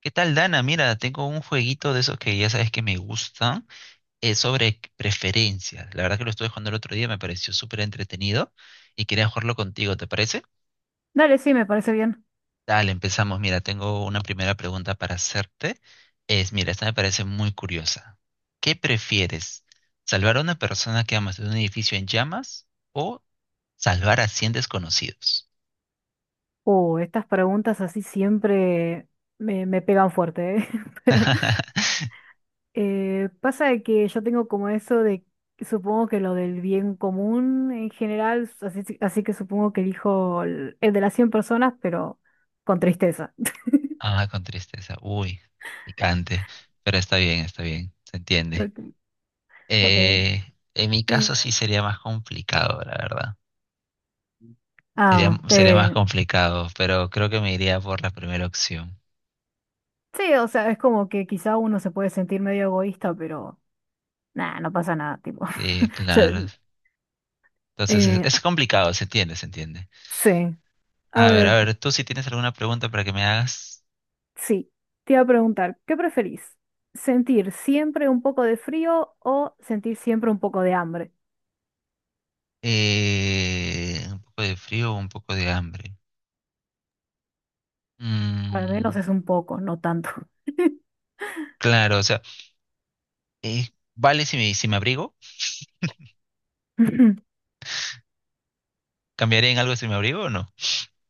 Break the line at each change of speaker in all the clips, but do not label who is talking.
¿Qué tal, Dana? Mira, tengo un jueguito de esos que ya sabes que me gustan, sobre preferencias. La verdad que lo estuve jugando el otro día, me pareció súper entretenido y quería jugarlo contigo, ¿te parece?
Dale, sí, me parece bien.
Dale, empezamos. Mira, tengo una primera pregunta para hacerte. Mira, esta me parece muy curiosa. ¿Qué prefieres? ¿Salvar a una persona que amas de un edificio en llamas o salvar a 100 desconocidos?
Estas preguntas así siempre me pegan fuerte, ¿eh? Pasa de que yo tengo como eso de, supongo que lo del bien común en general, así, así que supongo que elijo el de las 100 personas, pero con tristeza.
Ah, con tristeza. Uy, picante. Pero está bien, está bien. Se entiende.
Ok.
Eh, en mi caso sí
eh,
sería más complicado, la verdad. Sería,
ah,
sería más
te...
complicado, pero creo que me iría por la primera opción.
Sí, o sea, es como que quizá uno se puede sentir medio egoísta, pero nada, no pasa nada, tipo.
Sí,
Yo,
claro. Entonces es,
eh,
es complicado, se entiende, se entiende.
sí. A
A
ver.
ver, tú si tienes alguna pregunta para que me hagas.
Sí, te iba a preguntar, ¿qué preferís? ¿Sentir siempre un poco de frío o sentir siempre un poco de hambre?
Un poco de frío o un poco de hambre.
Al menos
Mm,
es un poco, no tanto.
claro, o sea, eh, ¿vale si me abrigo? ¿Cambiaría en algo si me abrigo o no?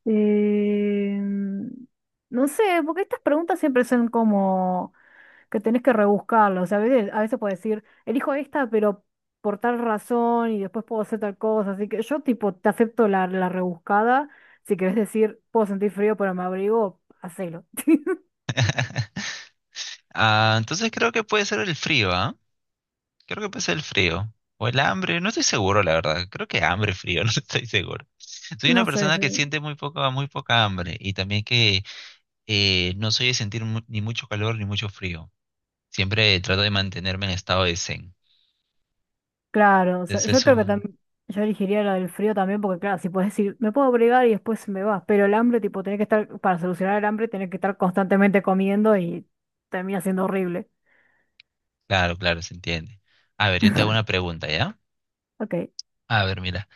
Em, no sé, porque estas preguntas siempre son como que tenés que rebuscarlas. O sea, a veces puedes decir, elijo esta, pero por tal razón y después puedo hacer tal cosa. Así que yo, tipo, te acepto la rebuscada. Si querés decir, puedo sentir frío, pero me abrigo, hacelo.
Ah, entonces creo que puede ser el frío, ¿ah? Creo que pasa el frío o el hambre, no estoy seguro, la verdad. Creo que hambre, frío, no estoy seguro. Soy una
No sé,
persona
yo.
que siente muy poca hambre y también que no soy de sentir ni mucho calor ni mucho frío. Siempre trato de mantenerme en estado de zen.
Claro, o sea,
Entonces
yo
es
creo que
un.
también, yo elegiría la del frío también, porque claro, si puedes decir, me puedo abrigar y después me va, pero el hambre, tipo, tenés que estar, para solucionar el hambre, tenés que estar constantemente comiendo y termina siendo horrible.
Claro, claro, se entiende. A ver, yo te hago una pregunta, ¿ya?
Ok.
A ver, mira,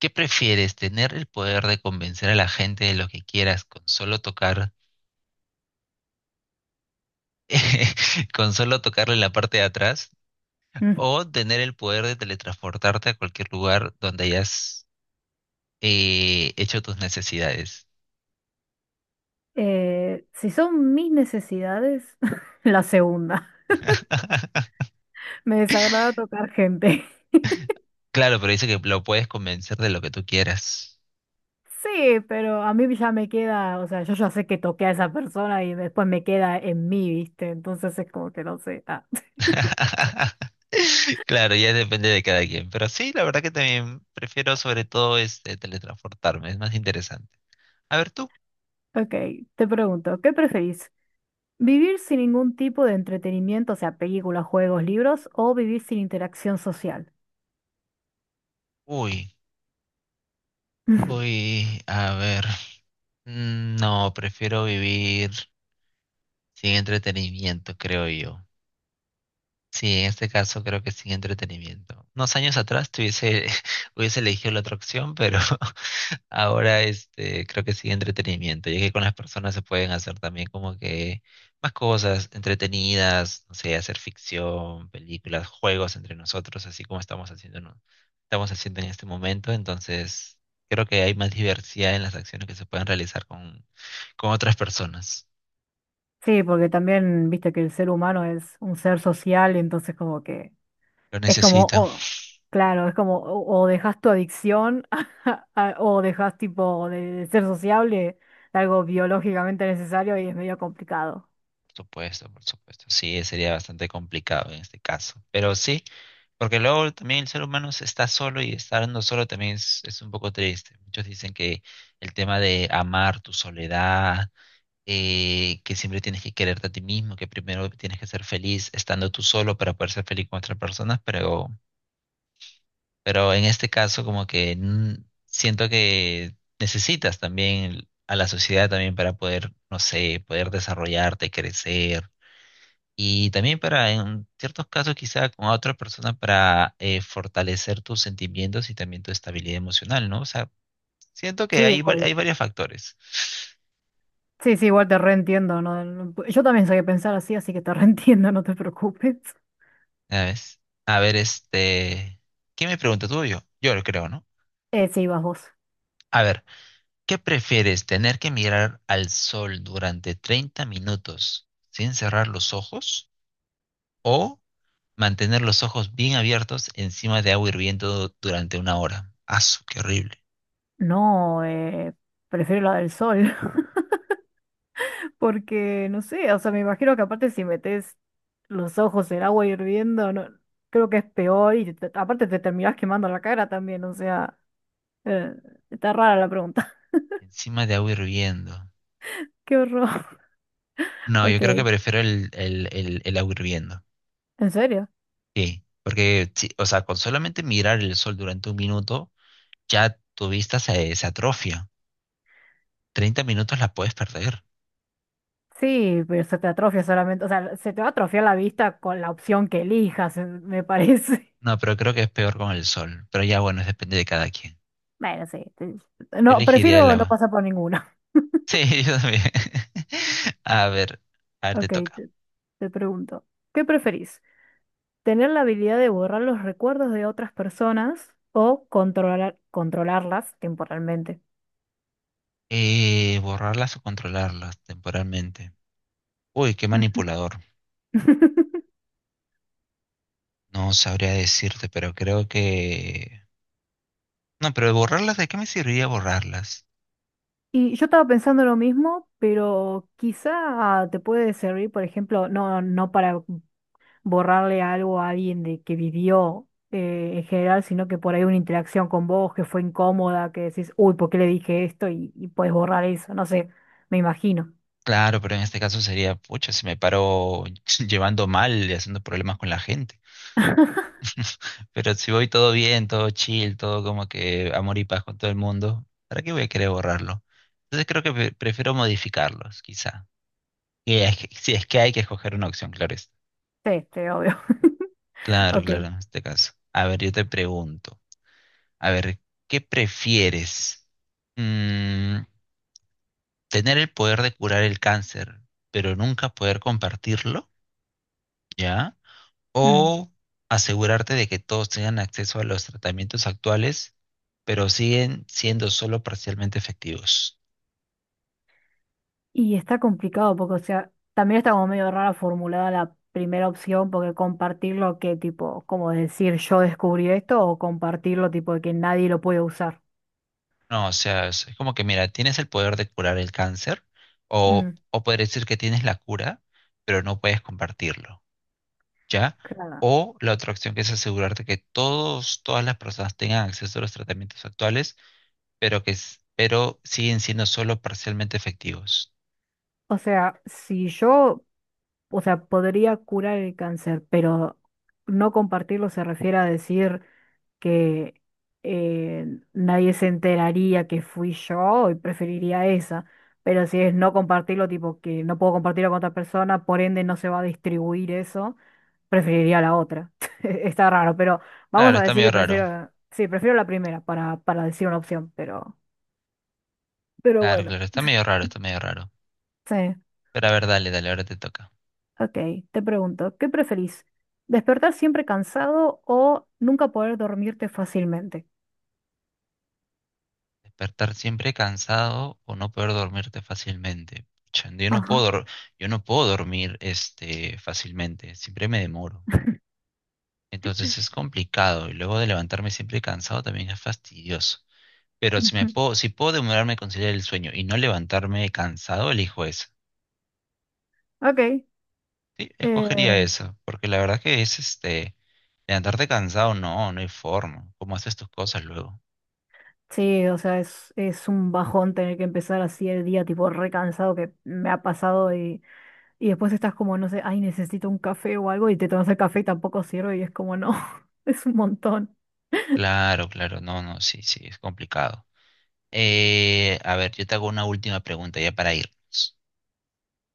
¿qué prefieres, tener el poder de convencer a la gente de lo que quieras con solo tocar, con solo tocarle la parte de atrás?
Mm.
¿O tener el poder de teletransportarte a cualquier lugar donde hayas hecho tus necesidades?
Si son mis necesidades, la segunda. Me desagrada tocar gente.
Claro, pero dice que lo puedes convencer de lo que tú quieras.
Sí, pero a mí ya me queda, o sea, yo ya sé que toqué a esa persona y después me queda en mí, ¿viste? Entonces es como que no sé. Ah.
Claro, ya depende de cada quien. Pero sí, la verdad que también prefiero sobre todo este teletransportarme, es más interesante. A ver tú.
Ok, te pregunto, ¿qué preferís? Vivir sin ningún tipo de entretenimiento, o sea, películas, juegos, libros, o vivir sin interacción social.
Uy, uy, a ver. Mm, no, prefiero vivir sin entretenimiento, creo yo. Sí, en este caso creo que sin entretenimiento. Unos años atrás tuviese, hubiese elegido la otra opción, pero ahora este, creo que sin entretenimiento, ya que con las personas se pueden hacer también como que más cosas entretenidas, no sé, hacer ficción, películas, juegos entre nosotros, así como estamos haciendo, ¿no? Estamos haciendo en este momento. Entonces, creo que hay más diversidad en las acciones que se pueden realizar con otras personas.
Sí, porque también, viste que el ser humano es un ser social, entonces como que
Lo
es como,
necesito.
oh, claro, es como, o dejas tu adicción, o dejas tipo de ser sociable, algo biológicamente necesario y es medio complicado.
Por supuesto. Sí, sería bastante complicado en este caso. Pero sí, porque luego también el ser humano se está solo y estando solo también es un poco triste. Muchos dicen que el tema de amar tu soledad, que siempre tienes que quererte a ti mismo, que primero tienes que ser feliz estando tú solo para poder ser feliz con otras personas, pero, pero en este caso como que siento que necesitas también a la sociedad también para poder, no sé, poder desarrollarte, crecer y también para, en ciertos casos, quizá con otra persona para fortalecer tus sentimientos y también tu estabilidad emocional, ¿no? O sea, siento que
Sí,
hay,
obvio.
hay varios factores.
Sí, sí, igual te reentiendo, ¿no? No- Yo también soy de pensar así, así que te reentiendo, no te preocupes.
¿Sabes? A ver, este, ¿qué me pregunta tú o yo? Yo lo creo, ¿no?
Sí, vas vos.
A ver, ¿qué prefieres, tener que mirar al sol durante 30 minutos sin cerrar los ojos o mantener los ojos bien abiertos encima de agua hirviendo durante una hora? ¡Asu, qué horrible!
No, prefiero la del sol, porque no sé, o sea, me imagino que aparte si metes los ojos en agua hirviendo, no, creo que es peor y aparte te terminás quemando la cara también, o sea, eh, está rara la pregunta.
Encima de agua hirviendo.
Qué horror.
No, yo
Ok,
creo que
¿en
prefiero el agua hirviendo.
serio?
Sí, porque, sí, o sea, con solamente mirar el sol durante un minuto, ya tu vista se atrofia. 30 minutos la puedes perder.
Sí, pero se te atrofia solamente, o sea, se te va a atrofiar la vista con la opción que elijas, me parece.
No, pero creo que es peor con el sol. Pero ya, bueno, depende de cada quien.
Bueno, sí,
Yo
no,
elegiría el
prefiero no
agua.
pasar por ninguna.
Sí, yo también. A ver, a ver, te
Ok,
toca.
te te pregunto, ¿qué preferís? Tener la habilidad de borrar los recuerdos de otras personas o controlarlas temporalmente.
Borrarlas o controlarlas temporalmente. Uy, qué manipulador. No sabría decirte, pero creo que. No, pero borrarlas, ¿de qué me serviría borrarlas?
Y yo estaba pensando lo mismo, pero quizá te puede servir, por ejemplo, no para borrarle algo a alguien de que vivió en general, sino que por ahí una interacción con vos que fue incómoda, que decís, uy, ¿por qué le dije esto? Y puedes borrar eso, no sé, me imagino.
Claro, pero en este caso sería, pucha, si me paro llevando mal y haciendo problemas con la gente. Pero si voy todo bien, todo chill, todo como que amor y paz con todo el mundo, ¿para qué voy a querer borrarlo? Entonces creo que prefiero modificarlos, quizá. Si es que hay que escoger una opción, claro es.
Sí, sí, obvio.
Claro,
Ok.
claro, en este caso. A ver, yo te pregunto. A ver, ¿qué prefieres? Mm, ¿tener el poder de curar el cáncer, pero nunca poder compartirlo? ¿Ya?
Mm.
¿O asegurarte de que todos tengan acceso a los tratamientos actuales, pero siguen siendo solo parcialmente efectivos?
Y está complicado porque, o sea, también está como medio rara formulada la primera opción porque compartirlo que tipo, como decir yo descubrí esto o compartirlo tipo de que nadie lo puede usar.
No, o sea, es como que mira, tienes el poder de curar el cáncer o,
Mm,
o poder decir que tienes la cura, pero no puedes compartirlo, ¿ya?
claro.
O la otra opción que es asegurarte que todos, todas las personas tengan acceso a los tratamientos actuales, pero siguen siendo solo parcialmente efectivos.
O sea, si yo, o sea, podría curar el cáncer, pero no compartirlo se refiere a decir que eh, nadie se enteraría que fui yo y preferiría esa. Pero si es no compartirlo, tipo que no puedo compartirlo con otra persona, por ende no se va a distribuir eso, preferiría la otra. Está raro, pero vamos
Claro,
a
está
decir
medio
que
raro.
sí, prefiero la primera para decir una opción, pero
Claro,
bueno,
claro, está medio raro, está medio raro.
sí.
Pero a ver, dale, dale, ahora te toca.
Ok, te pregunto, ¿qué preferís? ¿Despertar siempre cansado o nunca poder dormirte fácilmente?
Despertar siempre cansado o no poder dormirte fácilmente. Pucha,
Ajá.
yo no puedo dormir este, fácilmente, siempre me demoro. Entonces es complicado y luego de levantarme siempre cansado también es fastidioso. Pero si me
Ujú.
puedo, si puedo demorarme a conciliar el sueño y no levantarme cansado, elijo eso.
Ok.
Sí, escogería
eh,
eso, porque la verdad que es este, levantarte cansado, no, no hay forma. ¿Cómo haces tus cosas luego?
sí, o sea, es un bajón tener que empezar así el día, tipo recansado que me ha pasado y después estás como, no sé, ay, necesito un café o algo y te tomas el café y tampoco sirve y es como, no, es un montón.
Claro, claro, no, no, sí, sí, es complicado. A ver, yo te hago una última pregunta ya para irnos.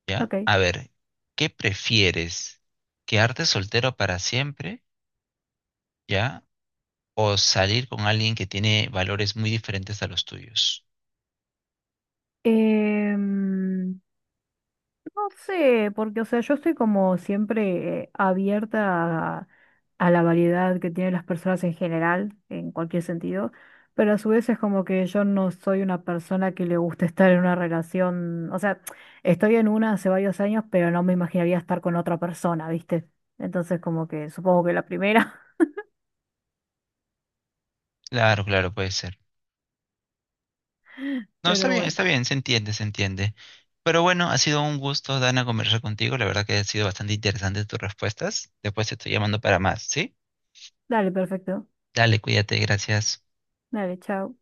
¿Ya?
Ok.
A ver, ¿qué prefieres? ¿Quedarte soltero para siempre? ¿Ya? ¿O salir con alguien que tiene valores muy diferentes a los tuyos?
em, No sé, porque, o sea, yo estoy como siempre abierta a la variedad que tienen las personas en general, en cualquier sentido, pero a su vez es como que yo no soy una persona que le gusta estar en una relación, o sea, estoy en una hace varios años, pero no me imaginaría estar con otra persona, ¿viste? Entonces como que supongo que la primera,
Claro, claro, puede ser. No,
pero bueno,
está bien, se entiende, se entiende. Pero bueno, ha sido un gusto, Dana, conversar contigo. La verdad que ha sido bastante interesante tus respuestas. Después te estoy llamando para más, ¿sí?
dale, perfecto,
Dale, cuídate, gracias.
dale, chao.